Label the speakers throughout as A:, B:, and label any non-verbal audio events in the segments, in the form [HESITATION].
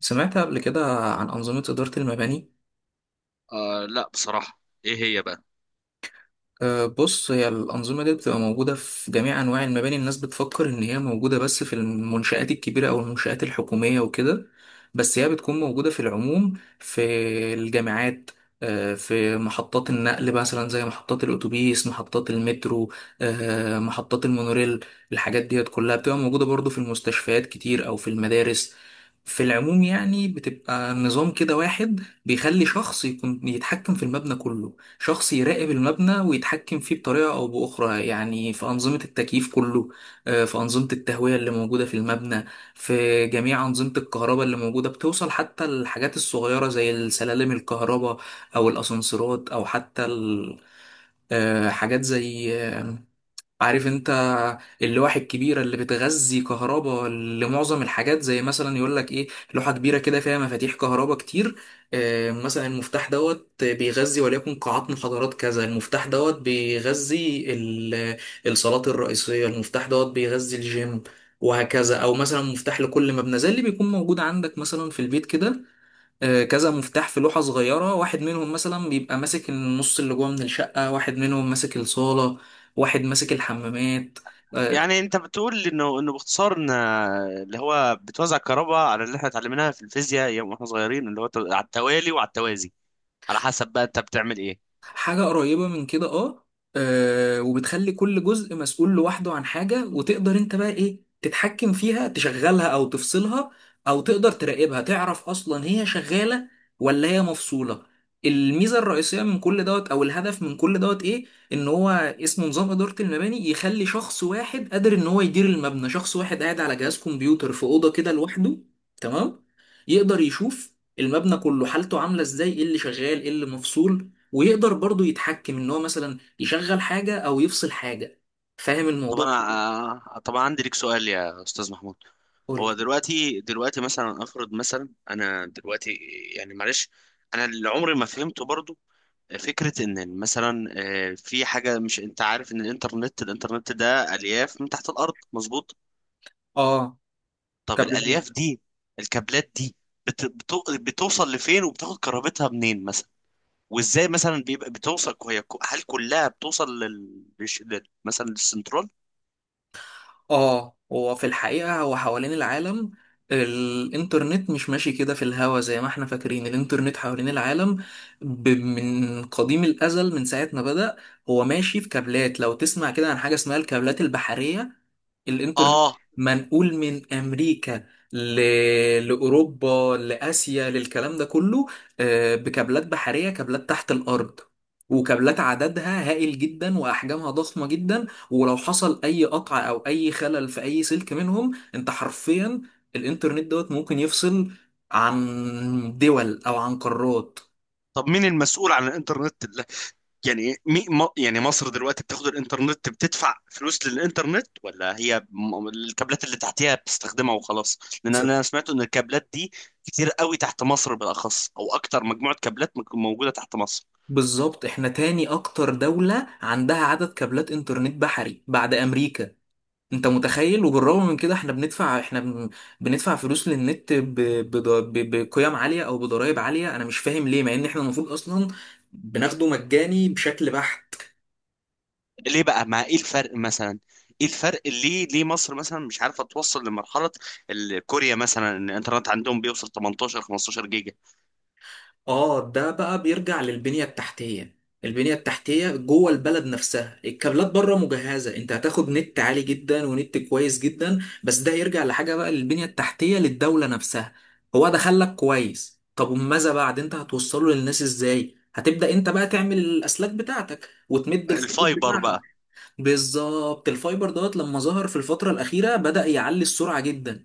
A: سمعت قبل كده عن أنظمة إدارة المباني؟
B: آه لا بصراحة. ايه هي بقى؟
A: بص، هي الأنظمة دي بتبقى موجودة في جميع أنواع المباني. الناس بتفكر إن هي موجودة بس في المنشآت الكبيرة أو المنشآت الحكومية وكده، بس هي بتكون موجودة في العموم. في الجامعات، في محطات النقل مثلا زي محطات الأتوبيس، محطات المترو، محطات المونوريل. الحاجات ديت كلها بتبقى موجودة برضو في المستشفيات كتير أو في المدارس. في العموم يعني بتبقى نظام كده واحد بيخلي شخص يكون يتحكم في المبنى كله، شخص يراقب المبنى ويتحكم فيه بطريقة أو بأخرى، يعني في أنظمة التكييف كله، في أنظمة التهوية اللي موجودة في المبنى، في جميع أنظمة الكهرباء اللي موجودة، بتوصل حتى الحاجات الصغيرة زي السلالم الكهرباء أو الأسانسيرات أو حتى حاجات زي، عارف انت، اللوح الكبيرة اللي بتغذي كهرباء لمعظم الحاجات، زي مثلا يقول لك ايه، لوحة كبيرة كده فيها مفاتيح كهرباء كتير. اه مثلا المفتاح دوت بيغذي وليكن قاعات محاضرات، كذا المفتاح دوت بيغذي الصالات الرئيسية، المفتاح دوت بيغذي الجيم، وهكذا. او مثلا مفتاح لكل مبنى زي اللي بيكون موجود عندك مثلا في البيت كده، كذا مفتاح في لوحة صغيرة، واحد منهم مثلا بيبقى ماسك النص اللي جوه من الشقة، واحد منهم ماسك الصالة، واحد ماسك الحمامات. آه،
B: يعني اللي قلنا اللي هو توزع على اللي احنا في الفيزياء يا وازي على حد ايه.
A: حاجة قريبة من كده، اه. وبتخلي كل جزء مسؤول لوحده عن حاجة، وتقدر انت بقى ايه تتحكم فيها، تشغلها او تفصلها، او تقدر تراقبها، تعرف اصلا هي شغالة ولا هي مفصولة. الميزة الرئيسية من كل دوت او الهدف من كل دوت ايه؟ ان هو اسمه نظام ادارة المباني، يخلي شخص واحد قادر ان هو يدير المبنى، شخص واحد قاعد على جهاز كمبيوتر في أوضة كده لوحده، تمام، يقدر يشوف المبنى كله، حالته عاملة ازاي، ايه اللي شغال، ايه اللي مفصول، ويقدر برضو يتحكم، ان هو مثلا يشغل حاجة او يفصل حاجة. فاهم
B: طب انا
A: الموضوع؟
B: طب انا عندي ليك سؤال يا استاذ محمود.
A: قول
B: هو
A: لي.
B: دلوقتي مثلا، افرض مثلا انا دلوقتي، يعني معلش، انا اللي عمري ما فهمته برضو فكرة ان مثلا في حاجة، مش انت عارف ان الانترنت ده الياف من تحت الارض، مظبوط؟
A: اه
B: طب
A: كبرنامج.
B: الالياف دي، الكابلات دي بتوصل لفين وبتاخد كهربتها منين مثلا؟ وازاي مثلا بيبقى بتوصل هي هل كلها بتوصل مثلا للسنترال؟
A: اه، هو في الحقيقة هو حوالين العالم، الانترنت مش ماشي كده في الهوا زي ما احنا فاكرين. الانترنت حوالين العالم من قديم الازل، من ساعة ما بدأ، هو ماشي في كابلات. لو تسمع كده عن حاجة اسمها الكابلات البحرية، الانترنت
B: اه.
A: منقول من امريكا ل... لاوروبا، لاسيا، للكلام ده كله، بكابلات بحريه، كابلات تحت الارض، وكابلات عددها هائل جدا واحجامها ضخمه جدا. ولو حصل اي قطع او اي خلل في اي سلك منهم، انت حرفيا الانترنت دوت ممكن يفصل عن دول او عن قارات.
B: طب مين المسؤول عن الانترنت اللي... يعني مصر دلوقتي بتاخد الانترنت بتدفع فلوس للانترنت، ولا هي الكابلات اللي تحتها بتستخدمها وخلاص؟ لان
A: بس-
B: انا سمعت ان الكابلات دي كتير قوي تحت مصر بالاخص، او اكتر مجموعة كابلات موجودة تحت مصر.
A: بالظبط، احنا تاني اكتر دولة عندها عدد كابلات انترنت بحري بعد امريكا. انت متخيل؟ وبالرغم من كده احنا بندفع، بندفع فلوس للنت بقيم عالية او بضرائب عالية، انا مش فاهم ليه، مع ان احنا المفروض اصلا بناخده مجاني بشكل بحت.
B: ليه بقى؟ ما ايه الفرق مثلا ايه الفرق ليه ليه مصر مثلا مش عارفه توصل لمرحله كوريا مثلا؟ ان الانترنت عندهم بيوصل 18 15 جيجا.
A: اه ده بقى بيرجع للبنية التحتية، البنية التحتية جوه البلد نفسها. الكابلات بره مجهزة، انت هتاخد نت عالي جدا ونت كويس جدا، بس ده يرجع لحاجة بقى، للبنية التحتية للدولة نفسها. هو ده خلك كويس، طب وماذا بعد؟ انت هتوصله للناس ازاي؟ هتبدأ انت بقى تعمل الاسلاك بتاعتك وتمد الخطوط
B: الفايبر
A: بتاعتك.
B: بقى.
A: بالظبط، الفايبر دوت لما ظهر في الفترة الأخيرة بدأ يعلي السرعة جدا،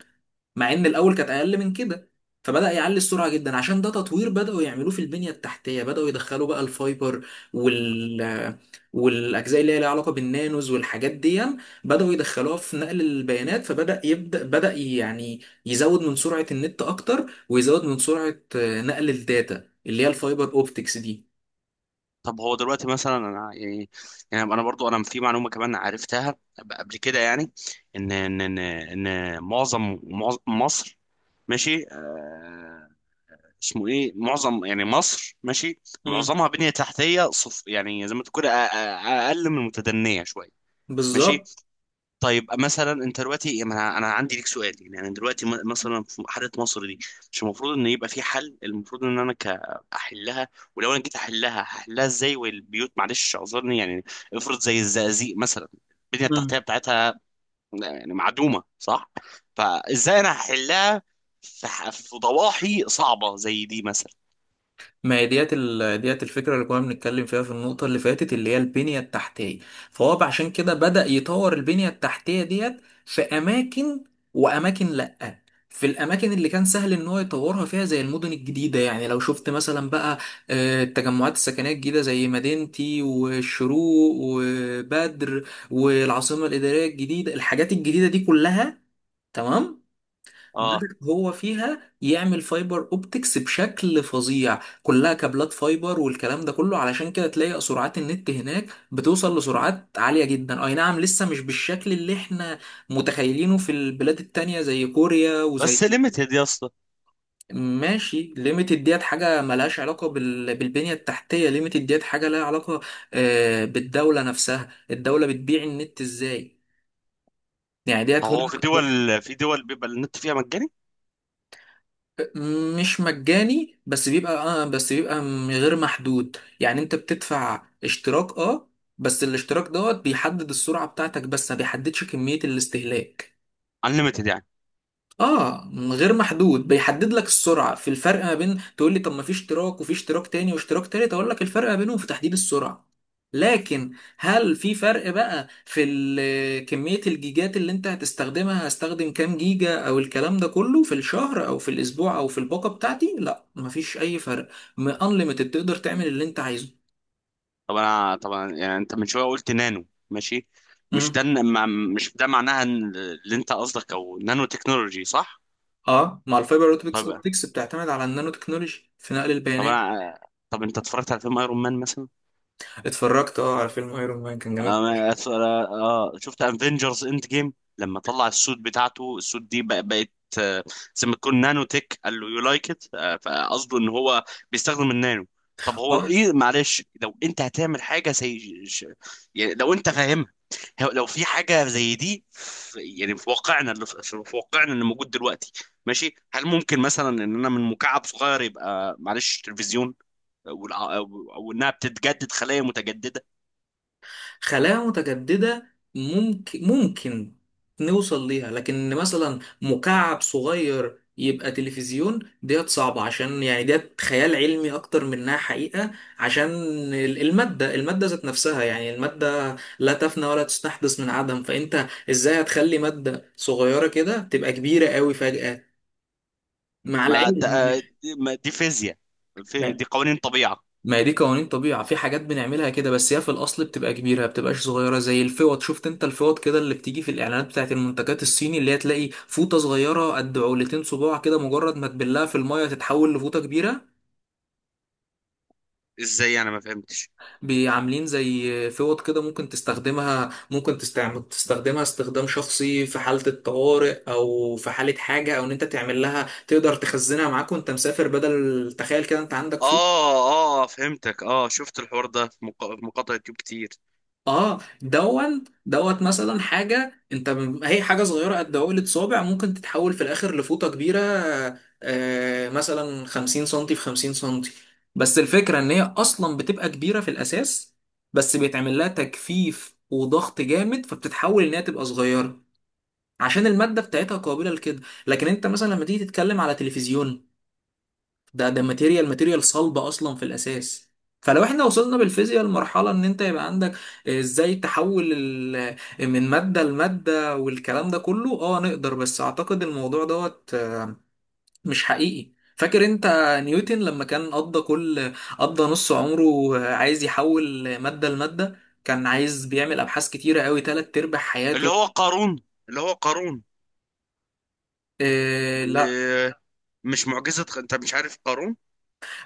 A: مع ان الاول كانت اقل من كده. فبدأ يعلي السرعة جدا، عشان ده تطوير بدأوا يعملوه في البنية التحتية، بدأوا يدخلوا بقى الفايبر وال والأجزاء اللي هي ليها علاقة بالنانوز والحاجات دي، بدأوا يدخلوها في نقل البيانات، فبدأ يبدأ بدأ يعني يزود من سرعة النت أكتر، ويزود من سرعة نقل الداتا اللي هي الفايبر أوبتكس دي.
B: طب هو دلوقتي مثلا، انا يعني، يعني انا برضو انا في معلومه كمان عرفتها قبل كده، يعني ان ان ان, إن معظم معظم- مصر ماشي آه، اسمه ايه، معظم يعني مصر ماشي
A: مم.
B: معظمها بنية تحتية صف، يعني زي ما تقول اقل من المتدنية شوية. ماشي.
A: بالظبط.
B: طيب مثلا انت دلوقتي، ما انا أنا عندي ليك سؤال، يعني انا دلوقتي مثلا في حاله مصر دي، مش المفروض ان يبقى في حل؟ المفروض ان انا احلها. ولو انا جيت احلها هحلها ازاي، والبيوت، معلش اعذرني يعني، افرض زي الزقازيق مثلا، البنيه التحتيه بتاعتها يعني معدومه، صح؟ فازاي انا هحلها في ضواحي صعبه زي دي مثلا؟
A: ما هي ديت ديت الفكرة اللي كنا بنتكلم فيها في النقطة اللي فاتت، اللي هي البنية التحتية. فهو عشان كده بدأ يطور البنية التحتية ديت في أماكن، وأماكن لأ. في الأماكن اللي كان سهل إن هو يطورها فيها، زي المدن الجديدة، يعني لو شفت مثلا بقى، التجمعات السكنية الجديدة زي مدينتي والشروق وبدر والعاصمة الإدارية الجديدة، الحاجات الجديدة دي كلها، تمام،
B: اه.
A: بلد هو فيها يعمل فايبر اوبتكس بشكل فظيع، كلها كابلات فايبر والكلام ده كله. علشان كده تلاقي سرعات النت هناك بتوصل لسرعات عالية جدا، اي نعم لسه مش بالشكل اللي احنا متخيلينه في البلاد التانية زي كوريا
B: بس
A: وزي.
B: ليميتد يا اسطى.
A: ماشي، ليميتد ديت حاجة ملهاش علاقة بالبنية التحتية، ليميتد ديت حاجة لها علاقة بالدولة نفسها، الدولة بتبيع النت ازاي، يعني
B: طب
A: ديت هم.
B: هو في دول بيبقى النت فيها مجاني؟
A: مش مجاني، بس بيبقى اه، بس بيبقى غير محدود، يعني انت بتدفع اشتراك، اه، بس الاشتراك دوت بيحدد السرعة بتاعتك، بس ما بيحددش كمية الاستهلاك.
B: انليميتد يعني.
A: اه، من غير محدود، بيحدد لك السرعه. في الفرق ما بين، تقول لي طب ما في اشتراك وفي اشتراك تاني واشتراك تالت، اقول لك الفرق ما بينهم في تحديد السرعه. لكن هل في فرق بقى في [HESITATION] كميه الجيجات اللي انت هتستخدمها، هستخدم كام جيجا او الكلام ده كله في الشهر او في الاسبوع او في الباقه بتاعتي؟ لا، مفيش اي فرق، انليمتد، تقدر تعمل اللي انت عايزه.
B: طب انا طبعا، يعني انت من شويه قلت نانو، ماشي. مش
A: امم
B: ده إن- مع- مش ده معناها إن اللي انت قصدك او نانو تكنولوجي؟ صح.
A: اه، مع الفايبر اوبتكس،
B: طب،
A: اوبتكس بتعتمد على النانو تكنولوجي في نقل
B: طب
A: البيانات.
B: انا طب انت اتفرجت على فيلم ايرون مان مثلا؟
A: اتفرجت اه على فيلم ايرون مان، كان جامد.
B: اه، شفت افنجرز اند جيم. لما طلع السوت بتاعته، السوت دي بقت آه، زي ما تكون نانو تك، قال له يو لايك ات. فقصده ان هو بيستخدم النانو. طب هو
A: اه،
B: ايه، معلش، لو انت هتعمل حاجه زي يعني لو انت فاهمها، لو في حاجه زي دي في، يعني في واقعنا اللي في واقعنا اللي موجود دلوقتي، ماشي، هل ممكن مثلا ان انا من مكعب صغير يبقى، معلش، تلفزيون او انها بتتجدد، خلايا متجدده؟
A: خلايا متجددة، ممكن نوصل ليها، لكن مثلا مكعب صغير يبقى تلفزيون ديت صعبة، عشان يعني ديت خيال علمي أكتر منها حقيقة، عشان المادة ذات نفسها، يعني المادة لا تفنى ولا تستحدث من عدم، فأنت إزاي هتخلي مادة صغيرة كده تبقى كبيرة قوي فجأة، مع
B: ما د-
A: العلم.
B: آه، دي ما- دي فيزياء، دي قوانين طبيعة.
A: ما هي دي قوانين طبيعة، في حاجات بنعملها كده بس هي في الأصل بتبقى كبيرة ما بتبقاش صغيرة. زي الفوط، شفت أنت الفوط كده اللي بتيجي في الإعلانات بتاعت المنتجات الصيني، اللي هي تلاقي فوطة صغيرة قد عولتين صباع كده، مجرد ما تبلها في المية تتحول لفوطة كبيرة.
B: ازاي؟ انا ما فهمتش.
A: بعاملين زي فوط كده، ممكن تستخدمها، ممكن تستخدمها استخدام شخصي في حالة الطوارئ، أو في حالة حاجة، أو إن أنت تعمل لها تقدر تخزنها معاك وأنت مسافر بدل تخيل كده أنت عندك فوط.
B: اه. اه فهمتك. اه شفت الحوار ده في في مقاطع يوتيوب كتير.
A: اه دون دوت، مثلا حاجة انت هي حاجة صغيرة قد عقلة صابع، ممكن تتحول في الاخر لفوطة كبيرة، آه مثلا 50 سنتي في 50 سنتي. بس الفكرة ان هي اصلا بتبقى كبيرة في الاساس، بس بيتعمل لها تجفيف وضغط جامد، فبتتحول ان هي تبقى صغيرة، عشان المادة بتاعتها قابلة لكده. لكن انت مثلا لما تيجي تتكلم على تلفزيون، ده ماتيريال صلبة أصلا في الأساس. فلو احنا وصلنا بالفيزياء لمرحلة ان انت يبقى عندك، ازاي تحول من مادة لمادة والكلام ده كله، اه نقدر، بس اعتقد الموضوع دوت مش حقيقي. فاكر انت نيوتن لما كان قضى نص عمره عايز يحول مادة لمادة؟ كان عايز، بيعمل ابحاث كتيرة قوي، تلات ارباع
B: اللي
A: حياته.
B: هو قارون.
A: آه،
B: آه، مش معجزة؟ انت مش عارف قارون؟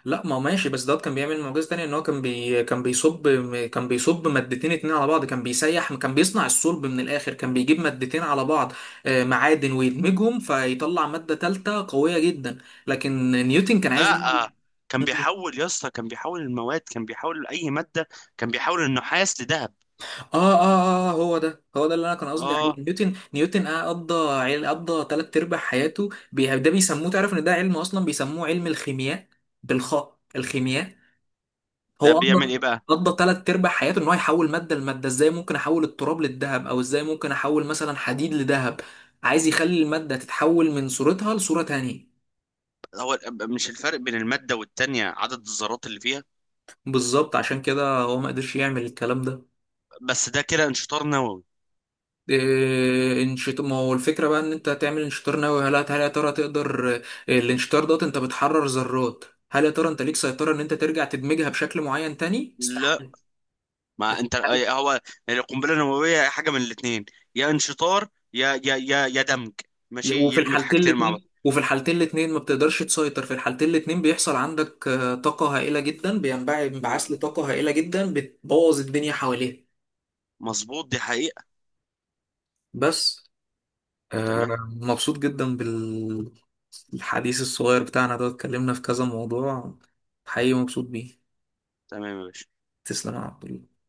A: لا، ما هو ماشي، بس دوت كان بيعمل معجزة تانية، ان هو كان كان بيصب، كان بيصب مادتين اتنين على بعض، كان بيسيح، كان بيصنع الصلب من الاخر، كان بيجيب مادتين على بعض، معادن، ويدمجهم فيطلع مادة تالتة قوية جدا. لكن نيوتن كان عايز
B: لا
A: يعمل-
B: آه، كان
A: [LAUGHS]
B: بيحول يا اسطى، كان بيحول المواد، كان بيحول اي مادة، كان بيحول النحاس لذهب.
A: اه اه اه، هو ده، هو ده اللي انا كان قصدي عليه،
B: اه.
A: نيوتن، نيوتن قضى تلات ارباع حياته ده بيسموه، تعرف ان ده علم اصلا؟ بيسموه علم الخيمياء، بالخاء، الخيمياء.
B: ده
A: هو
B: بيعمل
A: قضى
B: ايه بقى؟
A: قضى تلات ارباع حياته ان هو يحول ماده لماده، ازاي ممكن احول التراب للذهب، او ازاي ممكن احول مثلا حديد لذهب، عايز يخلي الماده تتحول من صورتها لصوره تانية.
B: هو مش الفرق بين المادة والتانية عدد الذرات اللي فيها؟
A: بالظبط، عشان كده هو ما قدرش يعمل الكلام ده.
B: بس ده كده انشطار نووي.
A: إيه انشط، ما هو الفكره بقى ان انت تعمل انشطار نووي، هل يا ترى تقدر؟ إيه، الانشطار دوت انت بتحرر ذرات، هل يا ترى انت ليك سيطره ان انت ترجع تدمجها بشكل معين تاني؟
B: لا،
A: استحاله.
B: ما انت أي-
A: استحالة.
B: هو القنبله النوويه حاجه من الاثنين، يا انشطار يا دمج. ماشي،
A: وفي
B: يدمج
A: الحالتين
B: حاجتين مع بعض.
A: الاتنين وفي الحالتين الاتنين ما بتقدرش تسيطر، في الحالتين الاتنين بيحصل عندك طاقة هائلة جدا، بينبع انبعاث لطاقة هائلة جدا، بتبوظ الدنيا حواليه.
B: مظبوط، دي حقيقه.
A: بس
B: تمام.
A: مبسوط جدا بالحديث الصغير بتاعنا ده، اتكلمنا في كذا موضوع، حقيقي مبسوط بيه.
B: تمام يا باشا.
A: تسلم يا عبد الله.